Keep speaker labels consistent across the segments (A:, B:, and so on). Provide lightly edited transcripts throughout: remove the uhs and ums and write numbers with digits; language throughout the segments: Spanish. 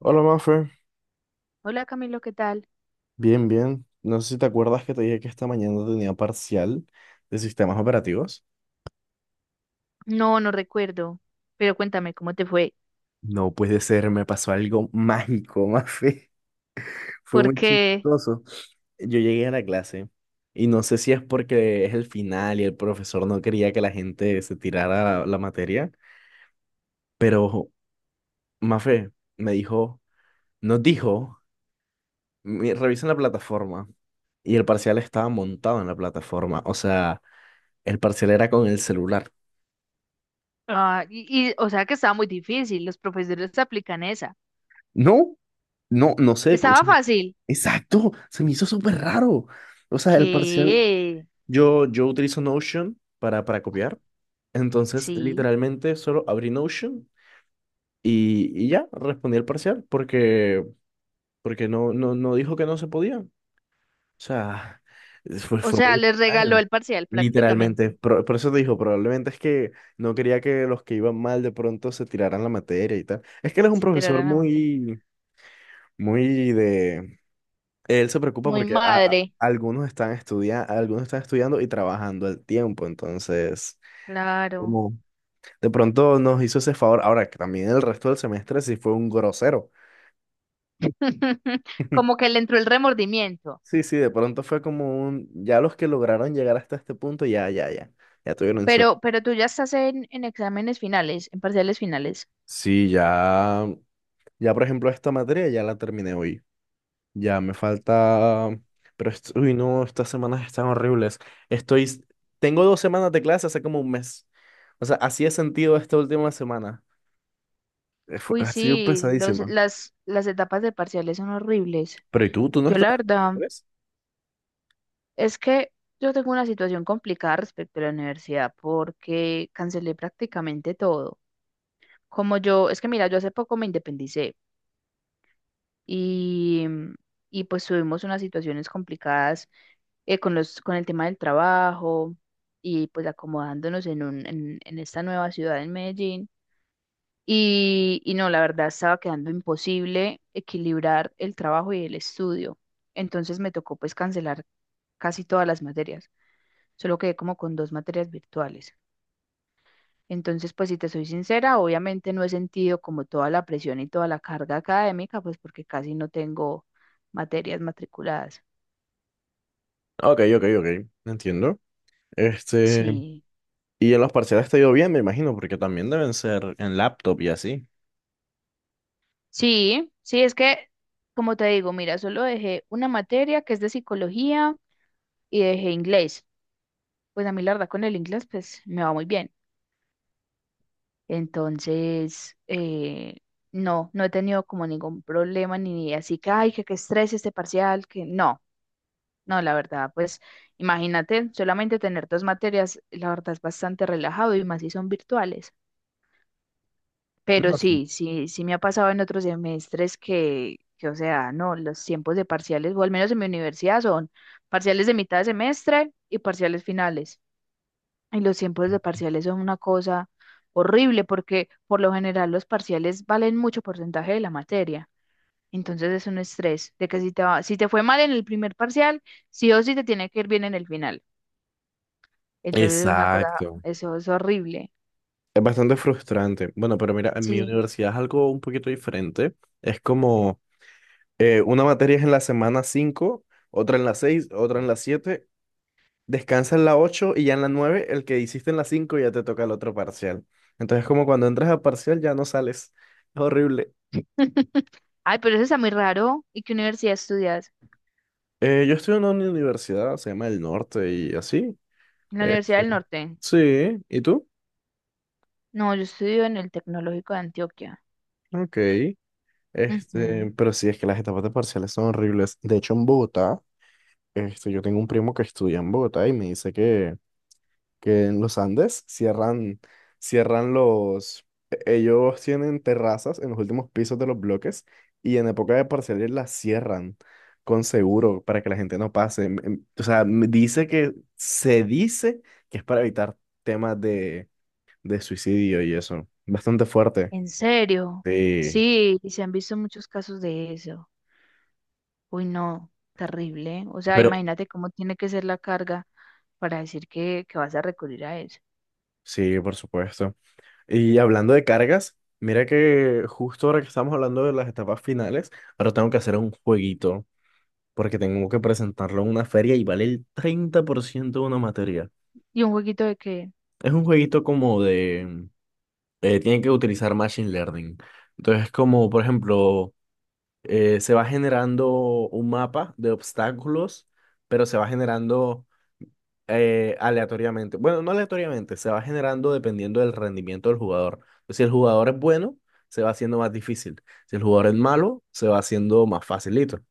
A: Hola, Mafe.
B: Hola Camilo, ¿qué tal?
A: Bien, bien. No sé si te acuerdas que te dije que esta mañana tenía parcial de sistemas operativos.
B: No recuerdo, pero cuéntame cómo te fue,
A: No puede ser, me pasó algo mágico, Mafe. Fue muy
B: porque,
A: chistoso. Yo llegué a la clase y no sé si es porque es el final y el profesor no quería que la gente se tirara la materia, pero Mafe me dijo, nos dijo, Revisen la plataforma." Y el parcial estaba montado en la plataforma, o sea, el parcial era con el celular.
B: o sea que estaba muy difícil, los profesores aplican esa.
A: No, no, no sé. o
B: Estaba
A: sea,
B: fácil.
A: exacto, se me hizo súper raro. O sea, el parcial,
B: ¿Qué?
A: yo utilizo Notion para copiar. Entonces,
B: Sí,
A: literalmente, solo abrí Notion y ya, respondí el parcial porque no dijo que no se podía. O sea, fue,
B: o
A: fue muy
B: sea, les regaló
A: extraño.
B: el parcial
A: Literalmente,
B: prácticamente,
A: por eso te dijo, probablemente es que no quería que los que iban mal de pronto se tiraran la materia y tal. Es que él es un
B: se
A: profesor
B: tiraron la materia.
A: muy, muy de. Él se preocupa
B: Muy
A: porque
B: madre,
A: algunos están estudiando y trabajando al tiempo, entonces,
B: claro.
A: como de pronto nos hizo ese favor, ahora que también el resto del semestre sí fue un grosero.
B: Como que le entró el remordimiento.
A: Sí, sí, de pronto fue como un, ya los que lograron llegar hasta este punto, ya, ya, ya, ya tuvieron suerte.
B: Pero tú ya estás en exámenes finales, en parciales finales.
A: Sí, ya, ya por ejemplo esta materia ya la terminé hoy. Ya, me falta. Pero, uy, no, estas semanas están horribles. Estoy. Tengo 2 semanas de clase hace como un mes. O sea, así he sentido esta última semana.
B: Uy,
A: Ha sido
B: sí,
A: pesadísima.
B: las etapas de parciales son horribles.
A: Pero, ¿y tú? ¿Tú no
B: Yo
A: estás?
B: la verdad
A: ¿Sabes?
B: es que yo tengo una situación complicada respecto a la universidad porque cancelé prácticamente todo. Como yo, es que mira, yo hace poco me independicé y, y pues tuvimos unas situaciones complicadas, con los, con el tema del trabajo y pues acomodándonos en un, en esta nueva ciudad en Medellín. Y no, la verdad estaba quedando imposible equilibrar el trabajo y el estudio. Entonces me tocó pues cancelar casi todas las materias. Solo quedé como con 2 materias virtuales. Entonces, pues si te soy sincera, obviamente no he sentido como toda la presión y toda la carga académica, pues porque casi no tengo materias matriculadas.
A: Ok, ok, ok. Entiendo. Este.
B: Sí,
A: Y en los parciales te ha ido bien, me imagino, porque también deben ser en laptop y así.
B: sí, es que, como te digo, mira, solo dejé una materia que es de psicología y dejé inglés. Pues a mí la verdad con el inglés, pues me va muy bien. Entonces, no he tenido como ningún problema ni así que, ay, que estrés este parcial, que no. No, la verdad, pues imagínate, solamente tener 2 materias, la verdad es bastante relajado y más si son virtuales. Pero
A: No, sí.
B: sí me ha pasado en otros semestres que, o sea, no, los tiempos de parciales, o al menos en mi universidad, son parciales de mitad de semestre y parciales finales. Y los tiempos de parciales son una cosa horrible porque por lo general los parciales valen mucho porcentaje de la materia. Entonces es un estrés de que si te fue mal en el primer parcial, sí o sí te tiene que ir bien en el final. Entonces es una cosa,
A: Exacto.
B: eso es horrible.
A: Es bastante frustrante. Bueno, pero mira, en mi
B: Sí.
A: universidad es algo un poquito diferente. Es como. Una materia es en la semana cinco, otra en la seis, otra en la siete. Descansa en la 8 y ya en la nueve, el que hiciste en la 5 ya te toca el otro parcial. Entonces, como cuando entras a parcial ya no sales. Es horrible.
B: Ay, pero eso está muy raro. ¿Y qué universidad estudias?
A: Yo estoy en una universidad, se llama El Norte y así.
B: En la Universidad
A: Este,
B: del Norte.
A: sí, ¿y tú?
B: No, yo estudio en el Tecnológico de Antioquia.
A: Ok.
B: Ujú.
A: Este, pero sí, es que las etapas de parciales son horribles. De hecho, en Bogotá, este, yo tengo un primo que estudia en Bogotá y me dice que en los Andes cierran, cierran los. Ellos tienen terrazas en los últimos pisos de los bloques y en época de parciales las cierran con seguro para que la gente no pase. O sea, me dice que se dice que es para evitar temas de suicidio y eso. Bastante fuerte.
B: ¿En serio?
A: Sí,
B: Sí, y se han visto muchos casos de eso. Uy, no, terrible. O sea,
A: pero
B: imagínate cómo tiene que ser la carga para decir que vas a recurrir a eso.
A: sí, por supuesto. Y hablando de cargas, mira que justo ahora que estamos hablando de las etapas finales, ahora tengo que hacer un jueguito. Porque tengo que presentarlo en una feria y vale el 30% de una materia.
B: ¿Y un jueguito de qué?
A: Es un jueguito como de. Tiene que utilizar Machine Learning. Entonces, como por ejemplo, se va generando un mapa de obstáculos, pero se va generando aleatoriamente. Bueno, no aleatoriamente, se va generando dependiendo del rendimiento del jugador. Si el jugador es bueno, se va haciendo más difícil. Si el jugador es malo, se va haciendo más facilito. O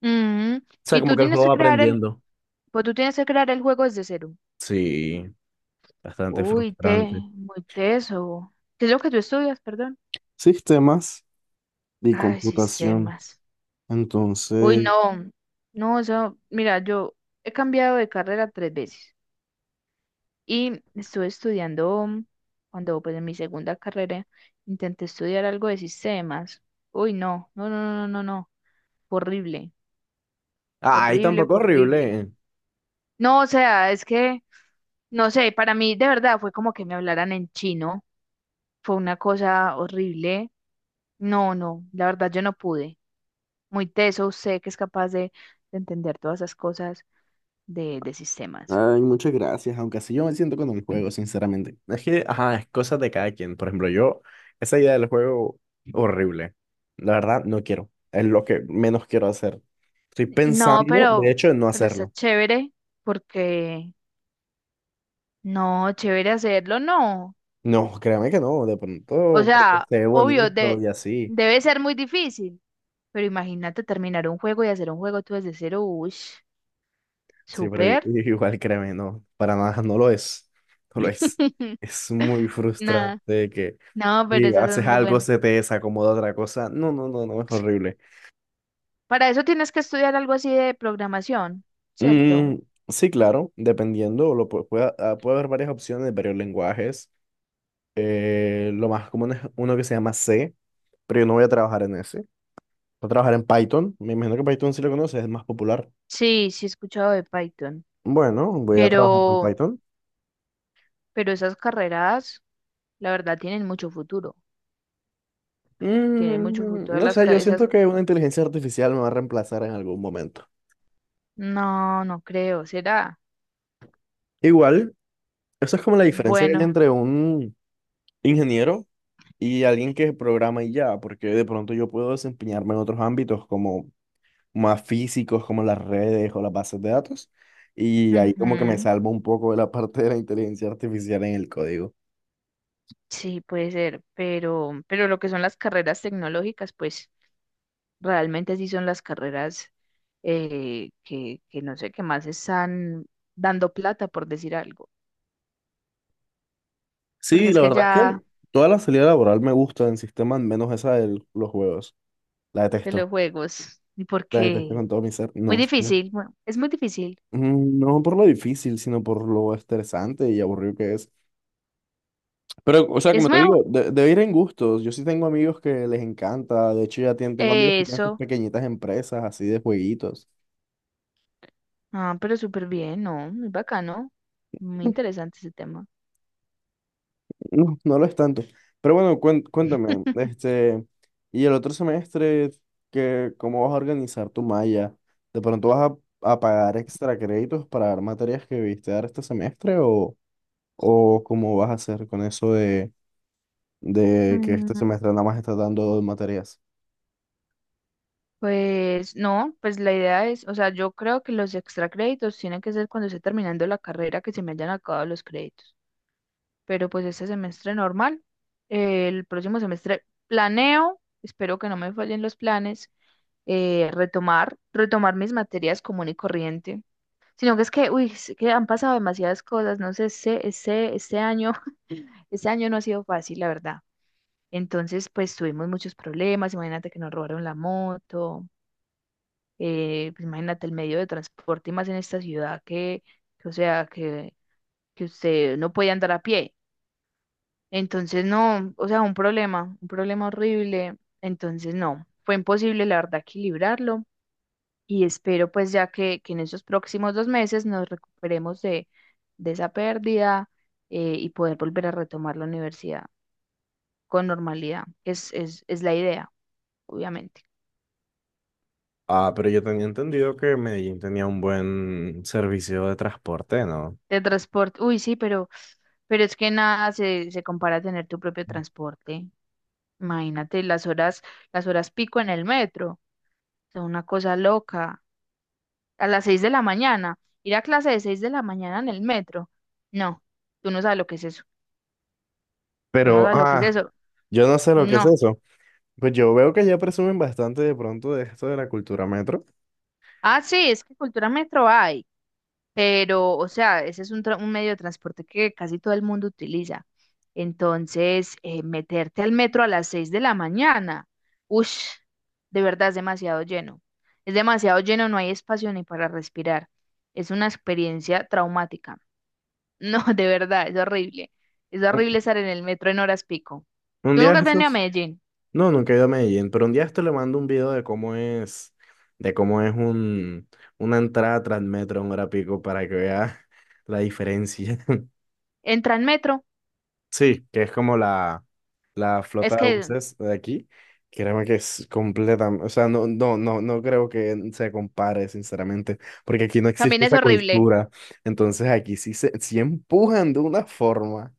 B: Ujú.
A: sea,
B: Y
A: como
B: tú
A: que el
B: tienes
A: juego
B: que
A: va
B: crear el,
A: aprendiendo.
B: pues tú tienes que crear el juego desde cero.
A: Sí. Bastante
B: Uy, te,
A: frustrante.
B: muy teso. ¿Qué es lo que tú estudias, perdón?
A: Sistemas y
B: Ay,
A: computación.
B: sistemas. Uy,
A: Entonces,
B: no, eso, mira, yo he cambiado de carrera 3 veces y estuve estudiando, cuando pues en mi segunda carrera intenté estudiar algo de sistemas. Uy, no. Horrible,
A: Ay, tampoco
B: horrible.
A: horrible.
B: No, o sea, es que, no sé, para mí de verdad fue como que me hablaran en chino, fue una cosa horrible. No, la verdad yo no pude. Muy teso usted que es capaz de entender todas esas cosas de sistemas.
A: Ay, muchas gracias, aunque así yo me siento con el juego, sinceramente. Es que, ajá, es cosa de cada quien. Por ejemplo, yo, esa idea del juego, horrible. La verdad, no quiero. Es lo que menos quiero hacer. Estoy
B: No,
A: pensando, de hecho, en no
B: pero está
A: hacerlo.
B: chévere porque no, chévere hacerlo, no.
A: No, créame que no, de
B: O
A: pronto, porque
B: sea,
A: se ve
B: obvio,
A: bonito y así.
B: debe ser muy difícil, pero imagínate terminar un juego y hacer un juego tú desde cero, uy,
A: Sí, pero
B: súper.
A: igual créeme, no, para nada no lo es. No lo es. Es muy
B: Nada,
A: frustrante que
B: no, pero
A: si
B: eso es
A: haces
B: muy
A: algo
B: bueno.
A: se te desacomoda otra cosa. No, no, no, no, es horrible.
B: Para eso tienes que estudiar algo así de programación, ¿cierto?
A: Mm, sí, claro, dependiendo, puede haber varias opciones de varios lenguajes. Lo más común es uno que se llama C, pero yo no voy a trabajar en ese. Voy a trabajar en Python. Me imagino que Python sí lo conoces, es más popular.
B: Sí, sí he escuchado de Python,
A: Bueno, voy a trabajar con
B: pero...
A: Python.
B: Pero esas carreras, la verdad, tienen mucho futuro. Tienen mucho futuro
A: No
B: las
A: sé, yo
B: esas.
A: siento que una inteligencia artificial me va a reemplazar en algún momento.
B: No, no creo. ¿Será?
A: Igual, eso es como la diferencia que hay
B: Bueno,
A: entre un ingeniero y alguien que programa y ya, porque de pronto yo puedo desempeñarme en otros ámbitos como más físicos, como las redes o las bases de datos, y ahí como que me
B: ujú,
A: salvo un poco de la parte de la inteligencia artificial en el código.
B: sí, puede ser. Pero lo que son las carreras tecnológicas, pues realmente sí son las carreras, que no sé qué más están dando plata, por decir algo. Porque
A: Sí,
B: es
A: la
B: que
A: verdad es que
B: ya
A: toda la salida laboral me gusta en sistemas, menos esa de los juegos. La detesto,
B: telejuegos, y
A: la detesto
B: porque
A: con todo mi ser,
B: muy
A: no sé.
B: difícil, bueno, es muy difícil.
A: Mm, no por lo difícil, sino por lo estresante y aburrido que es. Pero, o sea,
B: Es
A: como te digo, debe ir en gustos. Yo sí tengo amigos que les encanta. De hecho, ya tengo amigos que tienen sus
B: eso.
A: pequeñitas empresas así de jueguitos.
B: Ah, pero súper bien, ¿no? Muy bacano. Muy interesante ese tema.
A: No, no, no lo es tanto. Pero bueno, cuéntame, este, y el otro semestre, que, ¿cómo vas a organizar tu malla? ¿De pronto vas a pagar extra créditos para dar materias que viste dar este semestre o cómo vas a hacer con eso de que este
B: Mm,
A: semestre nada más está dando dos materias?
B: pues no, pues la idea es, o sea, yo creo que los extra créditos tienen que ser cuando esté terminando la carrera que se me hayan acabado los créditos. Pero pues este semestre normal, el próximo semestre planeo, espero que no me fallen los planes, retomar, retomar mis materias común y corriente. Sino que es que, uy, es que han pasado demasiadas cosas, no sé, este año, este año no ha sido fácil, la verdad. Entonces, pues tuvimos muchos problemas, imagínate que nos robaron la moto, pues, imagínate el medio de transporte y más en esta ciudad que, o sea, que usted no puede andar a pie. Entonces, no, o sea, un problema horrible. Entonces, no, fue imposible, la verdad, equilibrarlo y espero pues ya que en esos próximos 2 meses nos recuperemos de esa pérdida, y poder volver a retomar la universidad con normalidad. Es la idea, obviamente.
A: Ah, pero yo tenía entendido que Medellín tenía un buen servicio de transporte, ¿no?
B: De transporte. Uy, sí, pero es que nada se compara a tener tu propio transporte. Imagínate las horas pico en el metro. Es una cosa loca. A las 6 de la mañana. Ir a clase de 6 de la mañana en el metro. No, tú no sabes lo que es eso. Tú no
A: Pero,
B: sabes lo que es
A: ah,
B: eso.
A: yo no sé lo que es
B: No.
A: eso. Pues yo veo que ya presumen bastante de pronto de esto de la cultura metro.
B: Ah, sí, es que cultura metro hay. Pero, o sea, ese es un, un medio de transporte que casi todo el mundo utiliza. Entonces, meterte al metro a las 6 de la mañana, uff, de verdad es demasiado lleno. Es demasiado lleno, no hay espacio ni para respirar. Es una experiencia traumática. No, de verdad, es horrible. Es
A: Un
B: horrible estar en el metro en horas pico.
A: un
B: ¿Tú
A: día
B: nunca
A: de
B: has venido a
A: estos,
B: Medellín?
A: no, nunca he ido a Medellín, pero un día esto le mando un video de cómo es, de cómo es una entrada Transmetro en hora pico para que vea la diferencia.
B: Entra en metro,
A: Sí, que es como la
B: es
A: flota de
B: que
A: buses de aquí. Créeme que es completamente, o sea, no, no, no, no creo que se compare, sinceramente, porque aquí no
B: también
A: existe
B: es
A: esa
B: horrible.
A: cultura. Entonces aquí sí sí empujan de una forma.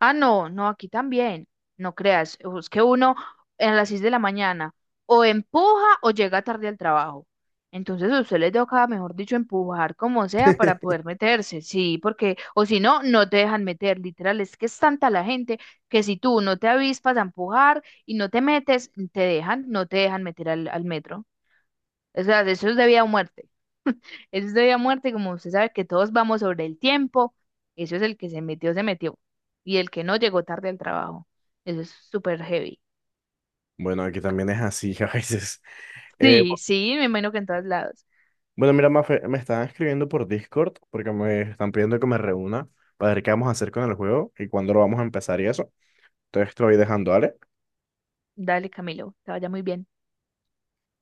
B: Ah, no, aquí también. No creas, es que uno a las 6 de la mañana o empuja o llega tarde al trabajo. Entonces a usted le toca, mejor dicho, empujar como sea para poder meterse, sí, porque, o si no, no te dejan meter, literal, es que es tanta la gente que si tú no te avispas a empujar y no te metes, te dejan, no te dejan meter al, al metro. O sea, eso es de vida o muerte. Eso es de vida o muerte, como usted sabe que todos vamos sobre el tiempo, eso es el que se metió, se metió. Y el que no llegó tarde al trabajo. Eso es súper heavy.
A: Bueno, aquí también es así a veces. Eh,
B: Sí,
A: bu-
B: sí, me imagino que en todos lados.
A: bueno, mira, Mafe, me están escribiendo por Discord porque me están pidiendo que me reúna para ver qué vamos a hacer con el juego y cuándo lo vamos a empezar y eso. Entonces estoy dejando, ¿vale?
B: Dale, Camilo, te vaya muy bien.